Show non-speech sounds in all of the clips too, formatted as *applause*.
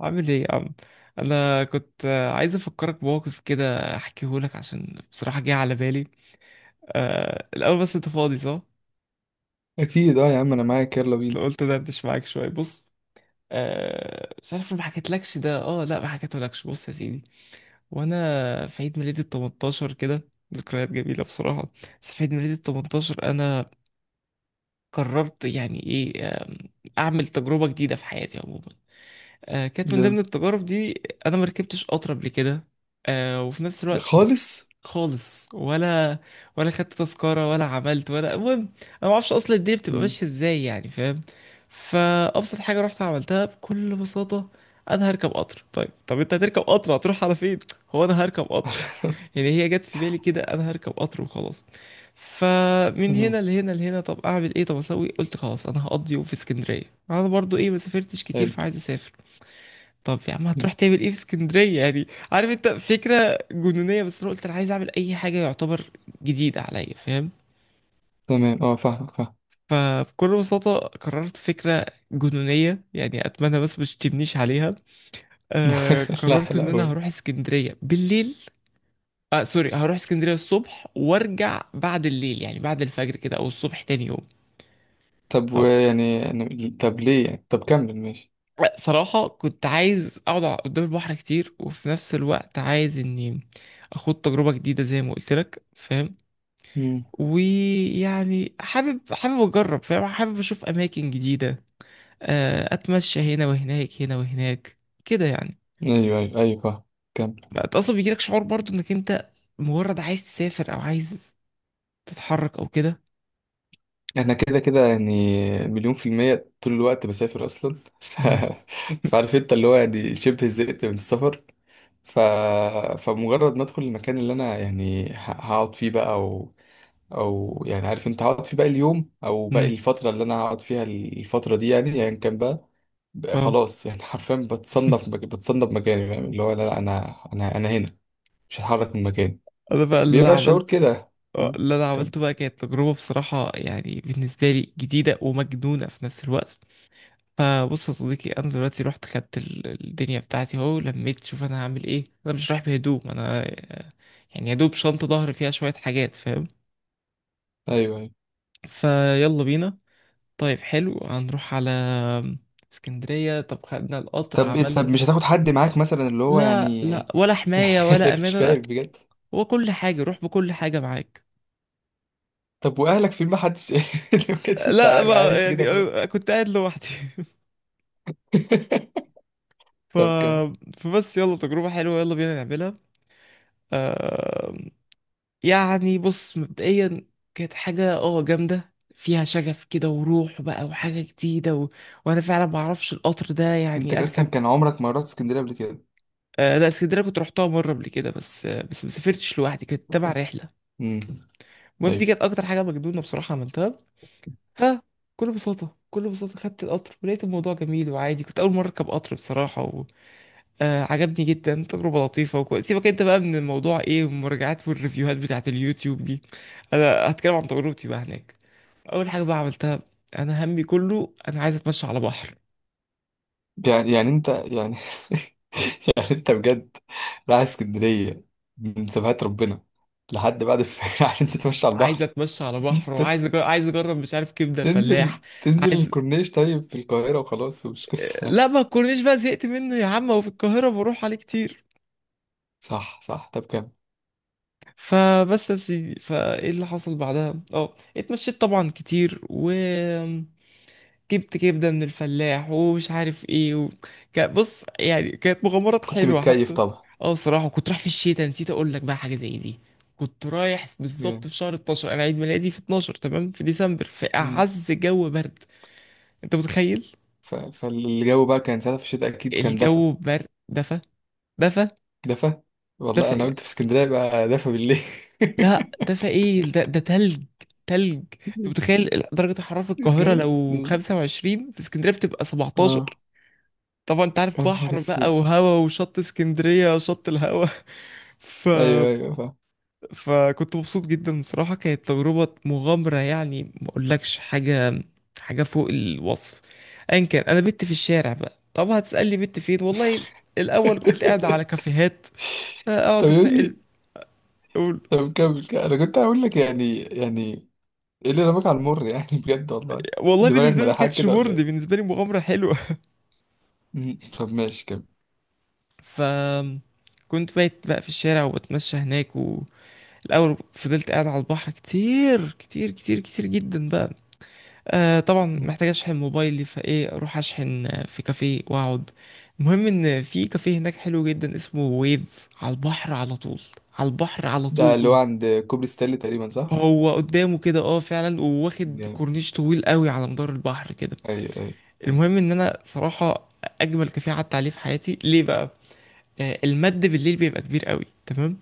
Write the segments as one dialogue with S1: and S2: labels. S1: عامل ايه يا عم؟ انا كنت عايز افكرك بموقف كده احكيه لك عشان بصراحه جه على بالي. الاول، بس انت فاضي صح؟
S2: اكيد اه يا عم، انا معاك، يلا
S1: بس
S2: بينا.
S1: لو قلت دردش معاك شويه، بص. مش عارف لو ما حكيتلكش ده، لا ما حكيتهولكش. بص يا سيدي، وانا في عيد ميلادي ال 18 كده، ذكريات جميله بصراحه. بس في عيد ميلادي ال 18 انا قررت يعني ايه، اعمل تجربه جديده في حياتي عموما. كانت من ضمن
S2: جامد.
S1: التجارب دي انا ما ركبتش قطر قبل كده. وفي نفس الوقت بس
S2: خالص.
S1: خالص، ولا خدت تذكرة ولا عملت ولا، المهم انا ما اعرفش اصلا الدنيا بتبقى
S2: مم.
S1: ماشية ازاي، يعني فاهم. فابسط حاجة رحت عملتها بكل بساطة، انا هركب قطر. طيب، طب انت هتركب قطر هتروح على فين؟ هو انا هركب قطر؟ *laughs*
S2: *laughs*
S1: يعني هي جت في بالي كده، انا هركب قطر وخلاص. فمن هنا لهنا لهنا، طب اعمل ايه؟ طب اسوي، قلت خلاص انا هقضي يوم في اسكندريه. انا برضو ايه، ما سافرتش كتير
S2: حلو.
S1: فعايز اسافر. طب يا عم، هتروح تعمل ايه في اسكندرية يعني؟ عارف انت، فكرة جنونية، بس انا قلت انا عايز اعمل اي حاجة يعتبر جديدة عليا، فاهم.
S2: تمام اه فاهم فاهم.
S1: فبكل بساطة قررت فكرة جنونية، يعني اتمنى بس مش تبنيش عليها.
S2: *laughs* لا
S1: قررت ان
S2: لا،
S1: انا
S2: قول.
S1: هروح اسكندرية بالليل. سوري، هروح اسكندرية الصبح وارجع بعد الليل، يعني بعد الفجر كده او الصبح تاني يوم.
S2: طب
S1: طب،
S2: ويعني طب ليه يعني؟ طب كمل، ماشي.
S1: صراحة كنت عايز اقعد قدام البحر كتير، وفي نفس الوقت عايز اني اخد تجربة جديدة زي ما قلت لك، فاهم.
S2: مم.
S1: ويعني حابب اجرب، فاهم، حابب اشوف اماكن جديده. اتمشى هنا وهناك هنا وهناك، كده يعني.
S2: ايوه ايوه ايوه، فاهم. كمل.
S1: انت اصلا بيجيلك شعور برضو انك انت مجرد عايز تسافر او عايز تتحرك او كده،
S2: انا كده كده يعني، 1,000,000% طول الوقت بسافر اصلا. *laughs* ف...
S1: مهم. *laughs*
S2: فعارف انت، اللي هو يعني شبه زهقت من السفر. ف... فمجرد ما ادخل المكان اللي انا يعني هقعد فيه بقى، او يعني عارف انت هقعد في باقي اليوم او باقي
S1: مم.
S2: الفتره اللي انا هقعد فيها الفتره دي يعني، ايا يعني كان بقى، بقى
S1: اه
S2: خلاص يعني. *laughs* حرفيا بتصنف مكاني، فاهم، اللي هو لا لا، انا هنا، مش هتحرك من مكاني،
S1: انا بقى اللي انا
S2: بيبقى الشعور
S1: عملته،
S2: كده. ها.
S1: اللي انا
S2: كم.
S1: عملته بقى كانت تجربه بصراحه يعني بالنسبه لي جديده ومجنونه في نفس الوقت. فبص يا صديقي، انا دلوقتي رحت خدت الدنيا بتاعتي اهو، لميت، شوف انا هعمل ايه، انا مش رايح بهدوم، انا يعني يا دوب شنطه ظهر فيها شويه حاجات، فاهم.
S2: ايوه ايوه.
S1: فيلا بينا. طيب حلو، هنروح على اسكندريه. طب خدنا القطر،
S2: طب ايه، طب
S1: عملنا.
S2: مش هتاخد حد معاك مثلا، اللي هو
S1: لا
S2: يعني
S1: لا، ولا
S2: *laughs* يعني،
S1: حمايه ولا
S2: انا مش
S1: امانه
S2: فاهم
S1: ولا.
S2: بجد.
S1: هو كل حاجه، روح بكل حاجه معاك.
S2: طب واهلك في، ما حدش؟ *laughs* بجد انت
S1: لا بقى
S2: عايش كده
S1: يعني،
S2: خلاص؟
S1: كنت قاعد لوحدي. *laughs*
S2: *laughs*
S1: ف...
S2: طب، كم.
S1: فبس يلا، تجربه حلوه يلا بينا نعملها. آه... يعني بص مبدئيا، كانت حاجة جامدة فيها شغف كده وروح بقى وحاجة جديدة وانا فعلا ما اعرفش القطر ده
S2: انت
S1: يعني
S2: اصلا
S1: اركب.
S2: كان عمرك ما رحت اسكندريه قبل كده؟
S1: آه لا، اسكندرية كنت رحتها مرة قبل كده، بس ما سافرتش لوحدي، كانت تبع رحلة.
S2: امم.
S1: المهم دي
S2: أيوه.
S1: كانت اكتر حاجة مجنونة بصراحة عملتها. فكل بساطة خدت القطر، ولقيت الموضوع جميل وعادي، كنت اول مرة اركب قطر بصراحة. عجبني جدا، تجربة لطيفة وكويس. سيبك انت بقى من الموضوع ايه المراجعات والريفيوهات بتاعت اليوتيوب دي، انا هتكلم عن تجربتي بقى هناك. اول حاجة بقى عملتها، انا همي كله انا عايز اتمشى على بحر.
S2: يعني يعني انت يعني، *laughs* يعني انت بجد رايح اسكندريه من سبهات ربنا لحد بعد الفجر *laughs* عشان تتمشى على
S1: عايز
S2: البحر؟
S1: اتمشى على بحر،
S2: تنزل
S1: وعايز
S2: تش-
S1: أجرب عايز اجرب مش عارف كبدة الفلاح.
S2: تنزل
S1: عايز
S2: الكورنيش طيب في القاهره وخلاص، ومش
S1: آه،
S2: قصه يعني.
S1: لا، ما تكونيش بقى زهقت منه يا عم، وفي القاهرة بروح عليه كتير.
S2: صح صح، طب كام.
S1: فبس يا سيدي، فايه اللي حصل بعدها؟ اه اتمشيت طبعا كتير، و جبت كبدة من الفلاح، ومش عارف ايه، بص يعني، كانت مغامرات
S2: كنت
S1: حلوة
S2: متكيف
S1: حتى.
S2: طبعا؟
S1: اه بصراحة كنت رايح في الشتاء، نسيت اقول لك بقى حاجة زي دي. كنت رايح بالظبط
S2: جامد.
S1: في شهر 12، انا عيد ميلادي في 12 تمام، في ديسمبر، في
S2: مم.
S1: اعز جو برد. انت متخيل؟
S2: فالجو بقى كان ساعتها في الشتاء، اكيد كان دفى.
S1: الجو برد، دفى دفى،
S2: دفى. والله
S1: دفى
S2: انا
S1: ايه؟
S2: قلت في اسكندريه بقى دفى بالليل.
S1: لا دفى ايه ده تلج. تلج. انت
S2: *laughs*
S1: متخيل درجة حرارة في القاهرة
S2: بجد؟
S1: لو 25، في اسكندرية بتبقى 17.
S2: اه،
S1: طبعا انت عارف،
S2: يا نهار
S1: بحر بقى
S2: اسود!
S1: وهوا، وشط اسكندرية شط الهوا. *laughs* ف...
S2: ايوه ايوه فاهم.
S1: فكنت مبسوط جدا بصراحة، كانت تجربة مغامرة، يعني ما اقولكش حاجة، حاجة فوق الوصف. ايا كان، انا بت في الشارع بقى. طب هتسألني بت فين؟ والله الاول كنت قاعد على
S2: *laughs*
S1: كافيهات،
S2: طب
S1: اقعد اتنقل،
S2: يعني،
S1: أقول-
S2: طب كمل كمل. انا كنت هقول لك يعني، يعني ايه اللي رماك على المر يعني؟ *laughs* بجد والله،
S1: والله
S2: دماغك
S1: بالنسبة لي ما
S2: ملاحاك
S1: كانتش
S2: كده ولا
S1: مرضي،
S2: ايه؟
S1: بالنسبة لي مغامرة حلوة.
S2: مم. طب ماشي، كمل.
S1: *laughs* ف كنت بايت بقى في الشارع، وبتمشى هناك. الاول فضلت قاعد على البحر كتير كتير كتير كتير جدا بقى. طبعا
S2: مم.
S1: محتاج اشحن موبايلي، فايه اروح اشحن في كافيه واقعد. المهم ان في كافيه هناك حلو جدا اسمه ويف، على البحر على طول، على البحر على
S2: ده اللي هو
S1: طول.
S2: عند كوبري ستانلي تقريبا، صح؟
S1: هو قدامه كده، فعلا، وواخد
S2: جامد.
S1: كورنيش طويل قوي على مدار البحر كده.
S2: ايوه ايوه ايوه،
S1: المهم ان انا صراحة، اجمل كافيه قعدت عليه في حياتي، ليه بقى؟ المد بالليل بيبقى كبير قوي، تمام؟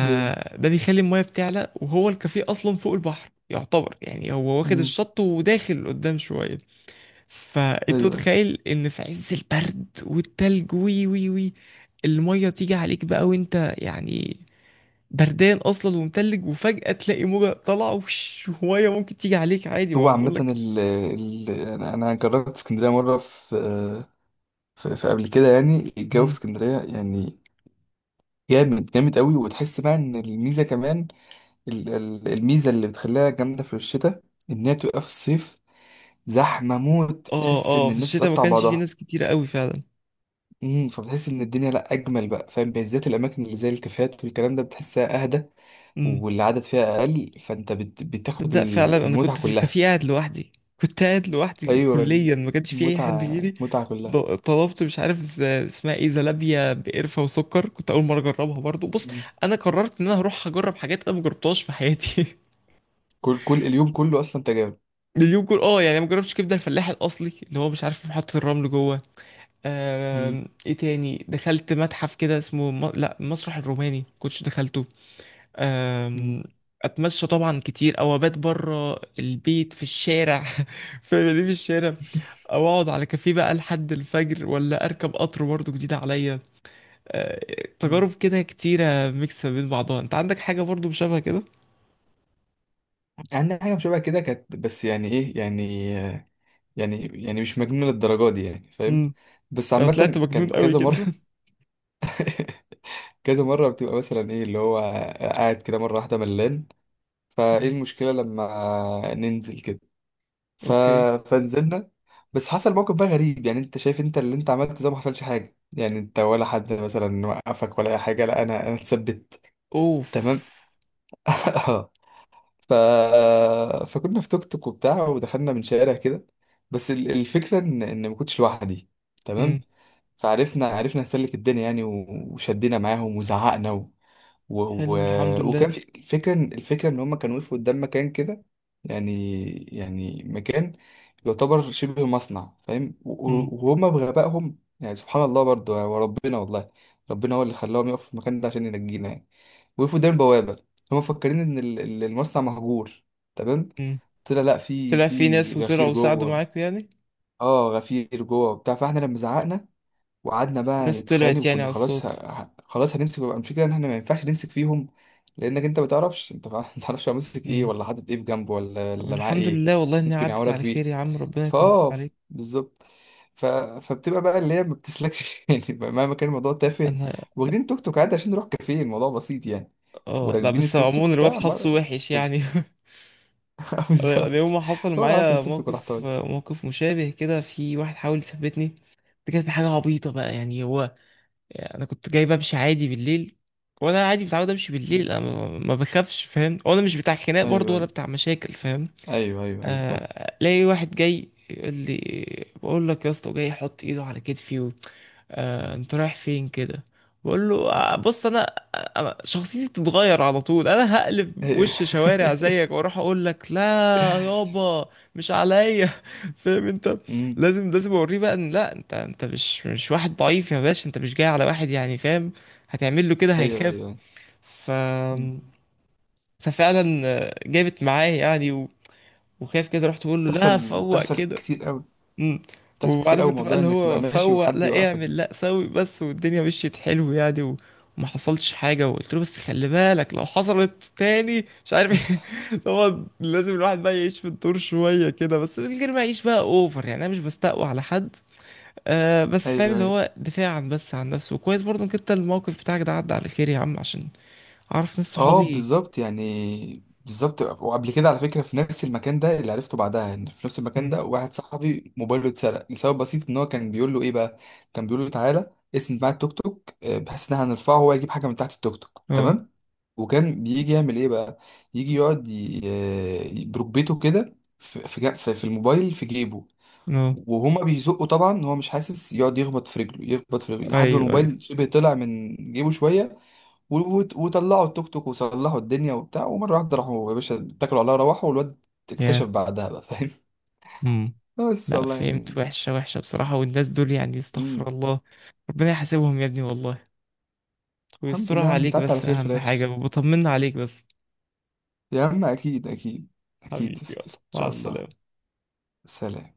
S2: جامد.
S1: بيخلي المايه بتعلى، وهو الكافيه اصلا فوق البحر يعتبر، يعني هو واخد
S2: مم.
S1: الشط وداخل قدام شويه.
S2: ايوه
S1: فانت
S2: ايوه.
S1: متخيل ان في عز البرد والتلج، وي وي وي، المايه تيجي عليك بقى وانت يعني بردان اصلا ومتلج، وفجاه تلاقي موجه طالعه وش ميه ممكن تيجي عليك عادي،
S2: هو
S1: ما
S2: عامة
S1: بقولك.
S2: ال ال انا جربت اسكندرية مرة في قبل كده، يعني الجو في
S1: مم.
S2: اسكندرية يعني جامد جامد قوي، وتحس بقى ان الميزة كمان، الميزة اللي بتخليها جامدة في الشتاء ان هي تبقى في الصيف زحمة موت،
S1: اه
S2: بتحس إن
S1: اه، في
S2: الناس
S1: الشتاء ما
S2: بتقطع
S1: كانش في
S2: بعضها.
S1: ناس كتيره قوي فعلا.
S2: امم. فبتحس إن الدنيا لأ أجمل بقى، فاهم، بالذات الأماكن اللي زي الكافيهات والكلام ده بتحسها أهدى والعدد فيها أقل، فأنت بتاخد
S1: تبدأ فعلا، انا
S2: المتعة
S1: كنت في
S2: كلها.
S1: الكافيه قاعد لوحدي، كنت قاعد لوحدي
S2: أيوة.
S1: كليا، ما كانش في اي حد
S2: المتعة
S1: غيري.
S2: متعة كلها.
S1: طلبت، مش عارف اسمها ايه، زلابيا بقرفه وسكر، كنت اول مره اجربها برضو، بص
S2: مم.
S1: انا قررت ان انا هروح اجرب حاجات انا ما جربتهاش في حياتي. *laughs*
S2: كل كل اليوم كله أصلا تجارب.
S1: اليوم كله، يعني ما جربتش كبده الفلاح الاصلي اللي هو مش عارف في محطه الرمل جوه.
S2: مم.
S1: ايه تاني، دخلت متحف كده اسمه لا، المسرح الروماني كنتش دخلته.
S2: مم.
S1: أم، اتمشى طبعا كتير، او ابات بره البيت في الشارع، *laughs* في مدينة الشارع، او اقعد على كافيه بقى لحد الفجر، ولا اركب قطر برضه جديد عليا. أه،
S2: مم.
S1: تجارب كده كتيرة ميكس ما بين بعضها، انت عندك حاجة برضه شبه كده؟
S2: عندنا *laughs* حاجة شبه كده كانت، بس يعني إيه يعني، يعني يعني مش مجنونة للدرجة دي يعني، فاهم.
S1: امم
S2: بس
S1: لو طلعت
S2: عامة
S1: مجنون
S2: كان
S1: قوي
S2: كذا
S1: كده.
S2: مرة. *laughs* كذا مرة بتبقى مثلا ايه اللي هو، قاعد كده مرة واحدة ملان، فايه
S1: مم.
S2: المشكلة لما ننزل كده؟
S1: *laughs*
S2: ف...
S1: اوكي.
S2: فنزلنا. بس حصل موقف بقى غريب، يعني انت شايف انت اللي انت عملته ده ما حصلش حاجة؟ يعني انت ولا حد مثلا وقفك ولا اي حاجة؟ لا، انا اتثبت.
S1: اوف.
S2: تمام. *laughs* ف... فكنا في توك توك وبتاع، ودخلنا من شارع كده. بس الفكرة ان ما كنتش لوحدي. تمام.
S1: مم.
S2: فعرفنا نسلك الدنيا يعني، وشدينا معاهم وزعقنا و...
S1: حلو،
S2: و...
S1: الحمد لله.
S2: وكان في الفكرة إن هما كانوا وقفوا قدام مكان كده، يعني يعني مكان يعتبر شبه مصنع، فاهم،
S1: مم.
S2: وهما بغبائهم يعني سبحان الله برضو، وربنا والله ربنا هو اللي خلاهم يقفوا في المكان ده عشان ينجينا يعني. وقفوا قدام بوابة، هما مفكرين إن المصنع مهجور. تمام.
S1: مم.
S2: طلع لأ، في
S1: طلع في
S2: في
S1: ناس
S2: غفير
S1: وطلعوا وساعدوا
S2: جوه.
S1: معاك يعني؟
S2: اه، غفير جوه وبتاع، فاحنا لما زعقنا وقعدنا بقى
S1: ناس
S2: نتخانق،
S1: طلعت يعني
S2: وكنا
S1: على
S2: خلاص
S1: الصوت.
S2: خلاص هنمسك بقى، الفكره ان احنا ما ينفعش نمسك فيهم، لانك انت ما تعرفش، انت ما *laughs* تعرفش هو ماسك ايه ولا حاطط ايه في جنبه، ولا
S1: طب
S2: ولا معاه
S1: الحمد
S2: ايه،
S1: لله، والله اني
S2: ممكن
S1: عدت
S2: يعورك
S1: على خير
S2: بيه.
S1: يا عم، ربنا يطمن
S2: فاه،
S1: عليك.
S2: بالظبط. فبتبقى بقى اللي هي ما بتسلكش *laughs* يعني، بقى مهما كان الموضوع تافه،
S1: انا
S2: واخدين توك توك عادي عشان نروح كافيه، الموضوع بسيط يعني،
S1: اه لا،
S2: وراكبين
S1: بس
S2: التوك توك
S1: عموما الواد
S2: بتاع
S1: حظه
S2: مر...
S1: وحش
S2: بس-
S1: يعني. *laughs*
S2: *laughs*
S1: انا يوم
S2: بالظبط.
S1: ما حصل
S2: هو أنا راكب
S1: معايا
S2: التوك توك وراح
S1: موقف
S2: طالع.
S1: موقف مشابه كده، في واحد حاول يثبتني. دي كانت حاجه عبيطه بقى، يعني هو، يعني انا كنت جاي بمشي عادي بالليل، وانا عادي متعود امشي بالليل، انا ما بخافش، فاهم، وانا مش بتاع خناق برضو ولا
S2: ايوه
S1: بتاع مشاكل، فاهم.
S2: ايوه ايوه ايوه ايوه، فاهم.
S1: الاقي واحد جاي يقول لي بقول لك يا اسطى، جاي يحط ايده على كتفي و... انت رايح فين كده؟ بقول له: بص انا، أنا شخصيتي بتتغير على طول، انا هقلب في
S2: أيوة.
S1: وش شوارع زيك واروح اقول لك لا، يابا، مش عليا، *laughs* فاهم انت.
S2: *laughs* مم.
S1: لازم اوريه بقى ان لا، انت مش واحد ضعيف يا باشا، انت مش جاي على واحد، يعني فاهم، هتعمل له كده
S2: ايوه ايوه
S1: هيخاف.
S2: أيوة.
S1: ف
S2: مم.
S1: ففعلا جابت معاه يعني، وخايف كده، رحت بقول له لا
S2: بتحصل
S1: فوق
S2: بتحصل
S1: كده.
S2: كتير قوي،
S1: امم.
S2: بتحصل كتير
S1: وعارف
S2: قوي
S1: انت بقى
S2: موضوع
S1: اللي
S2: انك تبقى
S1: هو
S2: ماشي
S1: فوق،
S2: وحد
S1: لا
S2: يوقفك ده.
S1: اعمل لا سوي بس، والدنيا مشيت حلو يعني وما حصلش حاجة. وقلت له بس خلي بالك لو حصلت تاني، مش عارف ايه. *laughs* طبعا لازم الواحد بقى يعيش في الدور شوية كده، بس من غير ما يعيش بقى اوفر، يعني انا مش بستقوى على حد. بس فاهم،
S2: ايوه
S1: اللي
S2: ايوه.
S1: هو دفاعا بس عن نفسه. وكويس برضه انك انت الموقف بتاعك ده عدى على خير يا عم، عشان اعرف ناس
S2: اه
S1: صحابي.
S2: بالظبط يعني، بالظبط. وقبل كده على فكره، في نفس المكان ده اللي عرفته بعدها ان في نفس المكان
S1: مم.
S2: ده واحد صاحبي موبايله اتسرق لسبب بسيط، ان هو كان بيقول له ايه بقى، كان بيقول له تعالى اسند معايا التوك توك، بحيث ان احنا هنرفعه وهو يجيب حاجه من تحت التوك توك.
S1: اه
S2: تمام. وكان بيجي يعمل ايه بقى، يجي يقعد بركبته كده في الموبايل في جيبه.
S1: اه.
S2: وهما بيزقوا طبعا، هو مش حاسس، يقعد يخبط في رجله يخبط في رجله لحد ما
S1: ايوه
S2: الموبايل
S1: ايوه.
S2: شبه طلع من جيبه شويه، وطلعوا التوك توك وصلحوا الدنيا وبتاع، ومره واحده راحوا يا باشا، اتكلوا عليها روحوا، والواد اكتشف
S1: يا
S2: بعدها بقى، فاهم.
S1: امم
S2: *laughs* بس
S1: لا،
S2: والله
S1: فهمت،
S2: يعني.
S1: وحشة وحشة بصراحة، والناس دول يعني استغفر
S2: مم.
S1: الله، ربنا يحاسبهم يا ابني والله.
S2: الحمد
S1: ويسترها
S2: لله يا عم،
S1: عليك
S2: بتعدي على
S1: بس،
S2: خير في
S1: أهم
S2: الاخر.
S1: حاجة وبطمنا عليك بس.
S2: يا عم اكيد اكيد.
S1: حبيبي،
S2: اكيد يسطا.
S1: يلا،
S2: ان
S1: مع
S2: شاء الله.
S1: السلامة.
S2: سلام